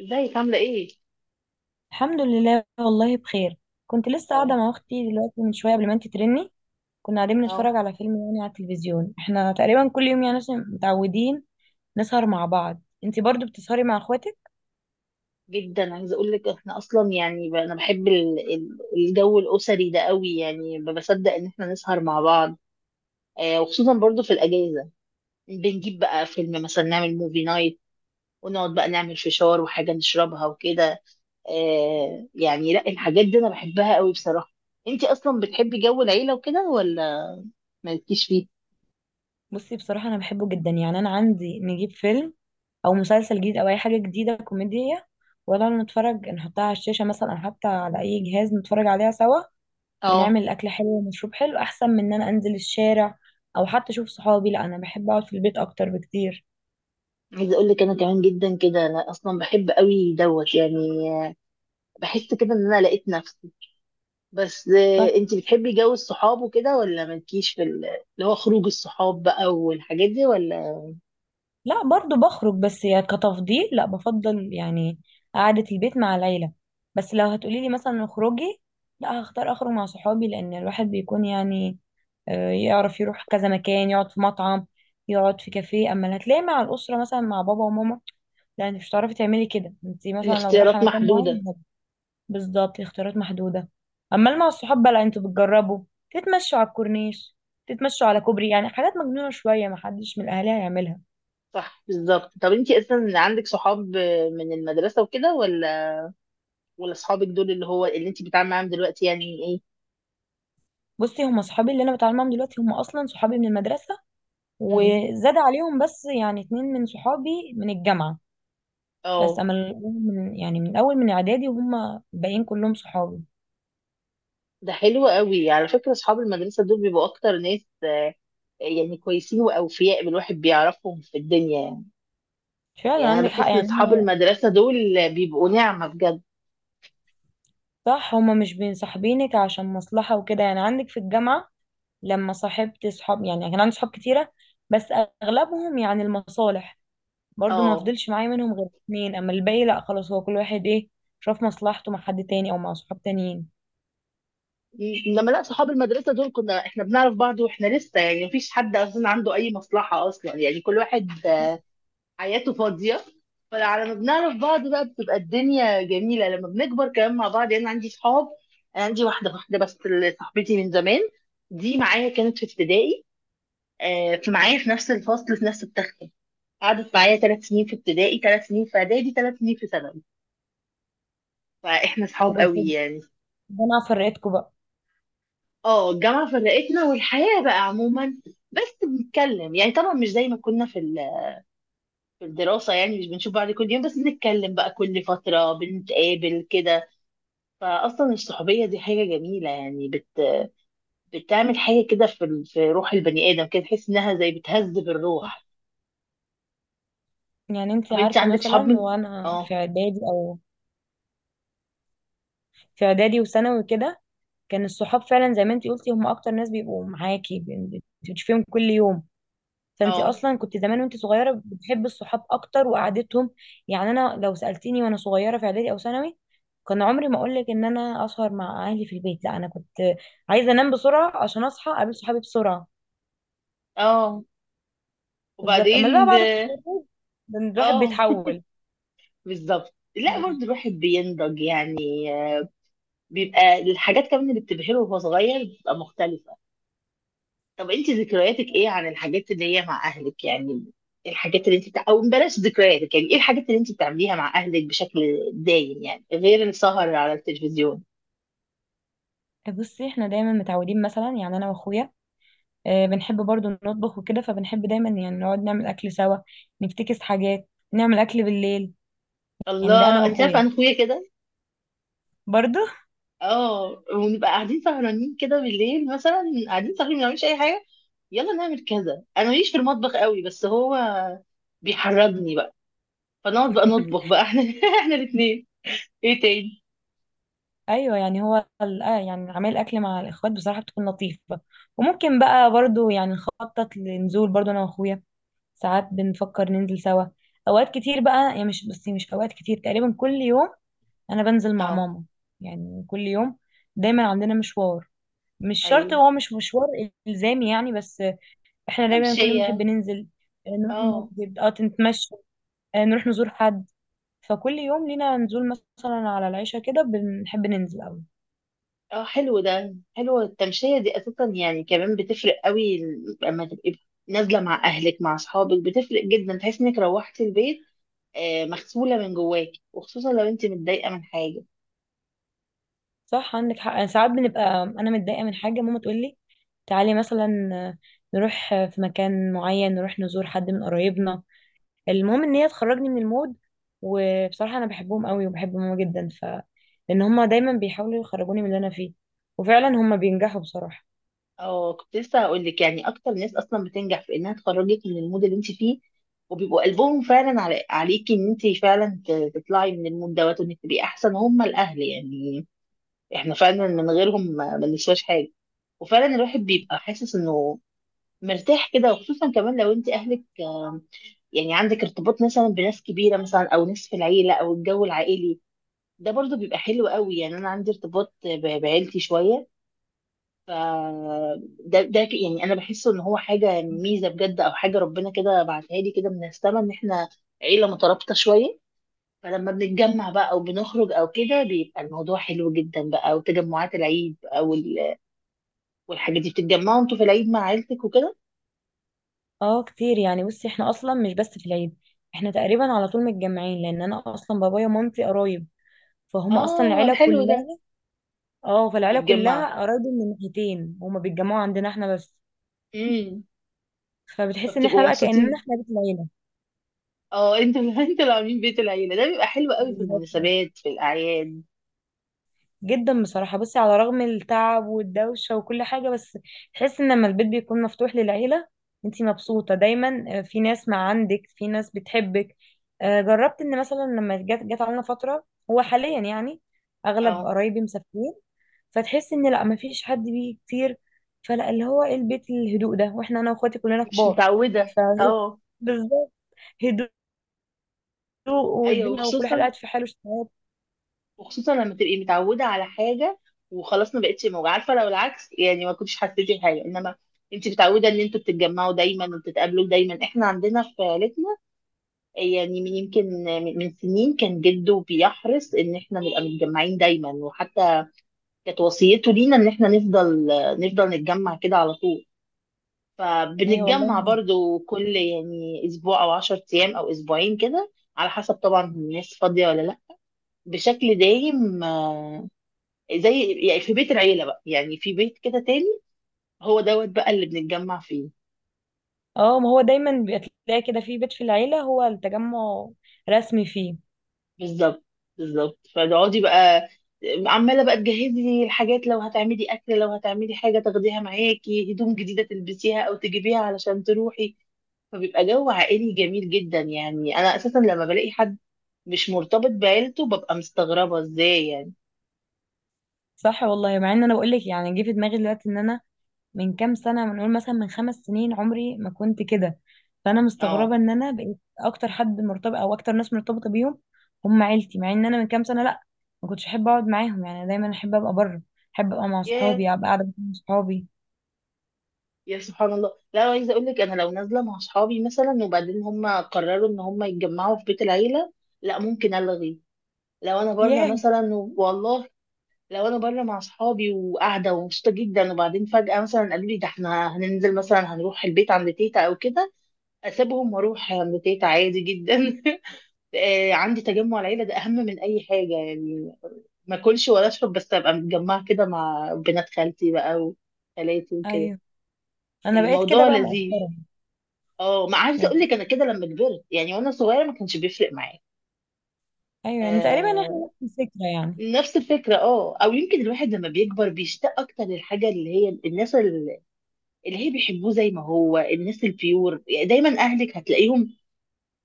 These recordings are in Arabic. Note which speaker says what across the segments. Speaker 1: ازيك عاملة ايه؟
Speaker 2: الحمد لله، والله بخير. كنت لسه قاعدة
Speaker 1: تمام.
Speaker 2: مع أختي دلوقتي من شوية قبل ما أنت ترني. كنا قاعدين
Speaker 1: اه.
Speaker 2: بنتفرج على فيلم، يعني على التلفزيون. احنا تقريبا كل يوم يعني عشان متعودين نسهر مع بعض. انت برضو بتسهري مع اخواتك؟
Speaker 1: جدا عايزة اقول لك احنا اصلا يعني انا بحب الجو الاسري ده قوي يعني ما بصدق ان احنا نسهر مع بعض. آه، وخصوصا برضو في الاجازة. بنجيب بقى فيلم مثلا نعمل موفي نايت، ونقعد بقى نعمل فشار وحاجة نشربها وكده. آه، يعني لا، الحاجات دي انا بحبها قوي بصراحة. انتي اصلا بتحبي جو العيلة وكده ولا مالكيش فيه؟
Speaker 2: بصي، بصراحة أنا بحبه جدا. يعني أنا عندي نجيب فيلم أو مسلسل جديد أو أي حاجة جديدة كوميدية ولا نتفرج، نحطها على الشاشة مثلا أو حتى على أي جهاز نتفرج عليها سوا،
Speaker 1: اه.
Speaker 2: ونعمل أكل حلو ومشروب حلو، أحسن من إن أنا أنزل الشارع أو حتى أشوف صحابي. لا، أنا بحب أقعد في البيت أكتر بكتير.
Speaker 1: عايزة اقول لك انا كمان جدا كده، انا اصلا بحب قوي دوت يعني. بحس كده ان انا لقيت نفسي. بس انت بتحبي جو الصحاب وكده ولا مالكيش في اللي هو خروج الصحاب بقى والحاجات دي ولا
Speaker 2: لا، برضو بخرج، بس يعني كتفضيل، لا بفضل يعني قعدة البيت مع العيلة. بس لو هتقولي لي مثلا اخرجي، لا هختار اخرج مع صحابي، لان الواحد بيكون يعني يعرف يروح كذا مكان، يقعد في مطعم، يقعد في كافيه. اما اللي هتلاقي مع الاسرة مثلا، مع بابا وماما، لا، انت مش هتعرفي تعملي كده. انت مثلا لو رايحة
Speaker 1: الاختيارات
Speaker 2: مكان
Speaker 1: محدودة؟
Speaker 2: معين بالظبط، الاختيارات محدودة. اما اللي مع الصحاب بقى، لا، انتوا بتجربوا تتمشوا على الكورنيش، تتمشوا على كوبري، يعني حاجات مجنونة شوية محدش من الاهالي هيعملها.
Speaker 1: صح، بالظبط. طب انت اصلا عندك صحاب من المدرسة وكده، ولا ولا صحابك دول اللي هو اللي انت بتتعاملي معاهم دلوقتي يعني ايه؟
Speaker 2: بصي، هم صحابي اللي انا بتعامل معاهم دلوقتي هم اصلا صحابي من المدرسه،
Speaker 1: مم.
Speaker 2: وزاد عليهم بس يعني اتنين من صحابي من الجامعه. بس
Speaker 1: اه.
Speaker 2: اما من يعني من اول من اعدادي، وهم الباقيين كلهم صحابي.
Speaker 1: ده حلو قوي على فكرة، صحاب المدرسة دول بيبقوا اكتر ناس يعني كويسين واوفياء الواحد بيعرفهم في الدنيا يعني.
Speaker 2: فعلا
Speaker 1: يعني انا
Speaker 2: عندك حق،
Speaker 1: بحس ان
Speaker 2: يعني
Speaker 1: صحاب
Speaker 2: هم
Speaker 1: المدرسة دول بيبقوا نعمة بجد.
Speaker 2: صح. هم مش بينصاحبينك عشان مصلحه وكده. يعني عندك في الجامعه لما صاحبت صحاب، يعني كان عندي صحاب كتيره، بس اغلبهم يعني المصالح. برضو ما
Speaker 1: اه.
Speaker 2: فضلش معايا منهم غير اتنين، اما الباقي لا خلاص، هو كل واحد ايه، شاف مصلحته مع حد تاني او مع صحاب تانيين.
Speaker 1: لما لا، صحاب المدرسه دول كنا احنا بنعرف بعض واحنا لسه، يعني مفيش حد اصلا عنده اي مصلحه اصلا، يعني كل واحد حياته فاضيه. فعلى ما بنعرف بعض بقى بتبقى الدنيا جميله لما بنكبر كمان مع بعض. يعني انا عندي صحاب، أنا عندي واحده واحده بس اللي صاحبتي من زمان، دي معايا كانت في ابتدائي. في معايا في نفس الفصل في نفس التختة، قعدت معايا ثلاث سنين في ابتدائي، ثلاث سنين في اعدادي، ثلاث سنين في ثانوي، فاحنا صحاب
Speaker 2: وبس
Speaker 1: قوي يعني.
Speaker 2: ده، انا فرقتكم بقى.
Speaker 1: اه، الجامعة فرقتنا والحياة بقى عموما. بس بنتكلم يعني، طبعا مش زي ما كنا في في الدراسة، يعني مش بنشوف بعض كل يوم، بس بنتكلم بقى كل فترة بنتقابل كده. فأصلا الصحوبية دي حاجة جميلة، يعني بتعمل حاجة كده في في روح البني آدم كده، تحس إنها زي بتهذب الروح.
Speaker 2: يعني انت
Speaker 1: طب أنت
Speaker 2: عارفة
Speaker 1: عندك صحاب
Speaker 2: مثلا،
Speaker 1: من
Speaker 2: وانا
Speaker 1: اه.
Speaker 2: في اعدادي او في اعدادي وثانوي كده، كان الصحاب فعلا زي ما انت قلتي هم اكتر ناس بيبقوا معاكي، بتشوفيهم كل يوم. فانت
Speaker 1: اه.
Speaker 2: اصلا كنت زمان وانت صغيرة بتحبي الصحاب اكتر وقعدتهم. يعني انا لو سألتيني وانا صغيرة في اعدادي او ثانوي، كان عمري ما اقولك ان انا اسهر مع اهلي في البيت. لا، انا كنت عايزة انام بسرعة عشان اصحى اقابل صحابي بسرعة.
Speaker 1: اه.
Speaker 2: بالظبط، اما بقى
Speaker 1: وبعدين
Speaker 2: بعد
Speaker 1: ده-
Speaker 2: التخرج الواحد
Speaker 1: اه.
Speaker 2: بيتحول.
Speaker 1: بالظبط، لا برضه الواحد بينضج يعني، بيبقى الحاجات كمان اللي بتبهره وهو صغير بتبقى مختلفة. طب انت ذكرياتك ايه عن الحاجات اللي هي مع اهلك يعني، الحاجات اللي انت او بلاش ذكرياتك، يعني ايه الحاجات اللي انت بتعمليها مع اهلك بشكل دايم يعني غير السهر على التلفزيون؟
Speaker 2: بصي، احنا دايما متعودين مثلا، يعني انا واخويا، بنحب برضو نطبخ وكده، فبنحب دايما يعني نقعد نعمل أكل سوا، نفتكس حاجات نعمل أكل بالليل. يعني ده أنا
Speaker 1: الله، انت عارفه
Speaker 2: وأخويا
Speaker 1: انا اخويا كده.
Speaker 2: برضو.
Speaker 1: اه، ونبقى قاعدين سهرانين كده بالليل، مثلا قاعدين سهرانين ما بنعملش اي حاجه، يلا نعمل كذا. انا ماليش في المطبخ قوي بس هو بيحرجني بقى، فنقعد بقى نطبخ بقى احنا احنا الاثنين. ايه تاني؟
Speaker 2: أيوة، يعني هو يعني عمل أكل مع الإخوات بصراحة بتكون لطيفة. وممكن بقى برضو يعني نخطط لنزول، برضو أنا وأخويا ساعات بنفكر ننزل سوا. أوقات كتير بقى، يعني مش بس، مش أوقات كتير، تقريبا كل يوم أنا بنزل مع
Speaker 1: اه.
Speaker 2: ماما، يعني كل يوم. دايما عندنا مشوار، مش شرط،
Speaker 1: ايوه.
Speaker 2: هو مش مشوار إلزامي يعني، بس احنا دايما كل يوم
Speaker 1: كبشيه.
Speaker 2: نحب ننزل، نروح
Speaker 1: اه.
Speaker 2: المسجد، اه نتمشى، نروح نزور حد. فكل يوم لينا نزول مثلا على العشاء كده، بنحب ننزل قوي.
Speaker 1: اه، حلو ده، حلوة التمشية دي اساسا يعني، كمان بتفرق قوي لما تبقي نازلة مع اهلك مع اصحابك، بتفرق جدا، تحس انك روحتي البيت مغسولة من جواكي، وخصوصا لو انت متضايقة من حاجة.
Speaker 2: صح، عندك حق. أنا ساعات بنبقى انا متضايقه من حاجه، ماما تقول لي تعالي مثلا، نروح في مكان معين، نروح نزور حد من قرايبنا. المهم ان هي تخرجني من المود. وبصراحه انا بحبهم قوي، وبحب ماما جدا. لان هما دايما بيحاولوا يخرجوني من اللي انا فيه، وفعلا هما بينجحوا بصراحه.
Speaker 1: اه، كنت لسه هقول لك، يعني اكتر ناس اصلا بتنجح في انها تخرجك من المود اللي انت فيه، وبيبقوا قلبهم فعلا عليكي ان انت فعلا تطلعي من المود دوت، وانك تبقي احسن هم الاهل يعني. احنا فعلا من غيرهم ما بنسواش حاجة، وفعلا الواحد بيبقى حاسس انه مرتاح كده. وخصوصا كمان لو انت اهلك، يعني عندك ارتباط مثلا بناس كبيره مثلا، او ناس في العيله او الجو العائلي ده، برضو بيبقى حلو قوي. يعني انا عندي ارتباط بعيلتي شويه، ف يعني انا بحسه ان هو حاجه ميزه بجد، او حاجه ربنا كده بعتها لي كده من السما، ان احنا عيله مترابطه شويه. فلما بنتجمع بقى او بنخرج او كده بيبقى الموضوع حلو جدا بقى، وتجمعات العيد او والحاجات دي، بتتجمعوا انتوا في العيد مع عيلتك وكده؟
Speaker 2: اه كتير. يعني بصي، احنا اصلا مش بس في العيد، احنا تقريبا على طول متجمعين، لان انا اصلا بابايا ومامتي قرايب، فهم اصلا
Speaker 1: اه
Speaker 2: العيله
Speaker 1: حلو ده.
Speaker 2: كلها. اه، فالعيله
Speaker 1: بيتجمعوا.
Speaker 2: كلها قرايب من ناحيتين، هما بيتجمعوا عندنا احنا بس.
Speaker 1: امم.
Speaker 2: فبتحس ان احنا
Speaker 1: فبتبقوا
Speaker 2: بقى كاننا
Speaker 1: مبسوطين.
Speaker 2: احنا بيت العيله.
Speaker 1: اه، انت انت اللي عاملين بيت العيله، ده بيبقى حلو قوي في
Speaker 2: بالظبط،
Speaker 1: المناسبات في الاعياد.
Speaker 2: جدا بصراحة. بصي، على رغم التعب والدوشة وكل حاجة، بس تحس ان لما البيت بيكون مفتوح للعيلة، انتي مبسوطة دايما. في ناس مع، عندك في ناس بتحبك. جربت ان مثلا لما جت علينا فترة، هو حاليا يعني اغلب
Speaker 1: اه،
Speaker 2: قرايبي مسافرين، فتحس ان لا، مفيش حد بيه كتير. فلا، اللي هو ايه، البيت الهدوء ده، واحنا انا واخواتي كلنا
Speaker 1: مش
Speaker 2: كبار،
Speaker 1: متعوده.
Speaker 2: ف
Speaker 1: اه.
Speaker 2: بالظبط، هدوء،
Speaker 1: ايوه،
Speaker 2: والدنيا وكل حد
Speaker 1: وخصوصا،
Speaker 2: قاعد في حاله، اشتغال.
Speaker 1: وخصوصا لما تبقي متعوده على حاجه وخلاص ما بقتش موجوده، عارفه لو العكس يعني ما كنتش حسيتي بحاجه، انما انت متعوده ان انتوا بتتجمعوا دايما وبتتقابلوا دايما. احنا عندنا في عيلتنا، يعني من يمكن من سنين، كان جده بيحرص ان احنا نبقى متجمعين دايما، وحتى كانت وصيته لينا ان احنا نفضل نتجمع كده على طول.
Speaker 2: ايوه والله.
Speaker 1: فبنتجمع برضو كل يعني اسبوع او عشر ايام او اسبوعين كده، على حسب طبعا الناس فاضية ولا لا، بشكل دايم. زي يعني في بيت العيلة بقى، يعني في بيت كده تاني، هو دوت بقى اللي بنتجمع فيه.
Speaker 2: اه، ما هو دايما بيبقى تلاقي كده في بيت في العيلة هو التجمع رسمي فيه.
Speaker 1: بالظبط، بالظبط. فتقعدي بقى عمالة بقى تجهزي الحاجات، لو هتعملي أكل، لو هتعملي حاجة تاخديها معاكي، هدوم جديدة تلبسيها أو تجيبيها علشان تروحي. فبيبقى جو عائلي جميل جدا. يعني أنا أساسا لما بلاقي حد مش مرتبط بعيلته ببقى مستغربة، ازاي يعني؟
Speaker 2: صح والله. مع ان انا بقول لك يعني، جه في دماغي دلوقتي ان انا من كام سنة، بنقول مثلا من خمس سنين، عمري ما كنت كده. فانا مستغربة
Speaker 1: اه.
Speaker 2: ان انا بقيت اكتر حد مرتبط، او اكتر ناس مرتبطة بيهم هم عيلتي، مع ان انا من كام سنة لا، ما كنتش احب اقعد معاهم، يعني دايما احب ابقى بره، احب ابقى مع
Speaker 1: يا
Speaker 2: صحابي، ابقى قاعدة مع صحابي.
Speaker 1: يا سبحان الله. لا، عايزة اقول لك، انا لو نازلة مع اصحابي مثلا وبعدين هم قرروا ان هم يتجمعوا في بيت العيلة، لا ممكن الغي. لو انا بره
Speaker 2: ياه.
Speaker 1: مثلا والله لو انا بره مع اصحابي وقاعدة ومبسوطة جدا، وبعدين فجأة مثلا قالوا لي ده احنا هننزل، مثلا هنروح البيت عند تيتا او كده، اسيبهم واروح عند تيتا عادي جدا. عندي تجمع العيلة ده أهم من أي حاجة يعني، ما أكلش ولا أشرب بس أبقى متجمعة كده مع بنات خالتي بقى وخالاتي وكده.
Speaker 2: ايوه، انا بقيت كده
Speaker 1: الموضوع
Speaker 2: بقى
Speaker 1: لذيذ.
Speaker 2: مؤخرا
Speaker 1: اه، ما عايزة أقول
Speaker 2: يعني.
Speaker 1: لك، أنا كده لما كبرت، يعني وأنا صغيرة ما كانش بيفرق معايا.
Speaker 2: ايوه، يعني تقريبا احنا
Speaker 1: آه،
Speaker 2: نفس الفكرة يعني.
Speaker 1: نفس الفكرة. اه، أو يمكن الواحد لما بيكبر بيشتاق أكتر للحاجة اللي هي الناس اللي اللي هي بيحبوه، زي ما هو الناس البيور يعني، دايما أهلك هتلاقيهم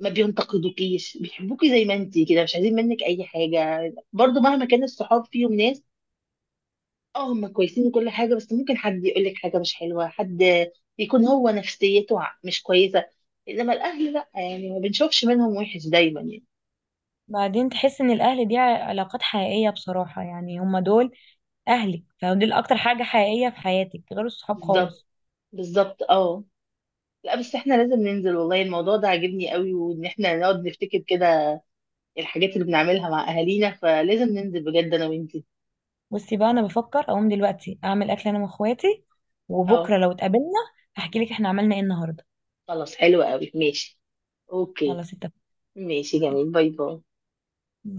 Speaker 1: ما بينتقدوكيش، بيحبوكي زي ما انتي كده، مش عايزين منك أي حاجة. برضو مهما كان الصحاب فيهم ناس، اه، هم كويسين وكل حاجة، بس ممكن حد يقول لك حاجة مش حلوة، حد يكون هو نفسيته مش كويسة، انما الاهل لا، يعني ما بنشوفش منهم وحش دايما يعني.
Speaker 2: بعدين تحس ان الاهل دي علاقات حقيقية. بصراحة يعني هما دول اهلك، فدول اكتر حاجة حقيقية في حياتك غير الصحاب
Speaker 1: بالظبط،
Speaker 2: خالص.
Speaker 1: بالظبط. اه، لا بس احنا لازم ننزل والله، الموضوع ده عاجبني قوي، وان احنا نقعد نفتكر كده الحاجات اللي بنعملها مع اهالينا، فلازم ننزل بجد انا وانتي.
Speaker 2: بصي بقى، انا بفكر اقوم دلوقتي اعمل اكل انا واخواتي،
Speaker 1: اه،
Speaker 2: وبكرة لو اتقابلنا هحكي لك احنا عملنا ايه النهاردة.
Speaker 1: خلاص حلو قوي، ماشي. اوكي.
Speaker 2: خلاص اتفقنا.
Speaker 1: ماشي جميل، باي باي.
Speaker 2: باي.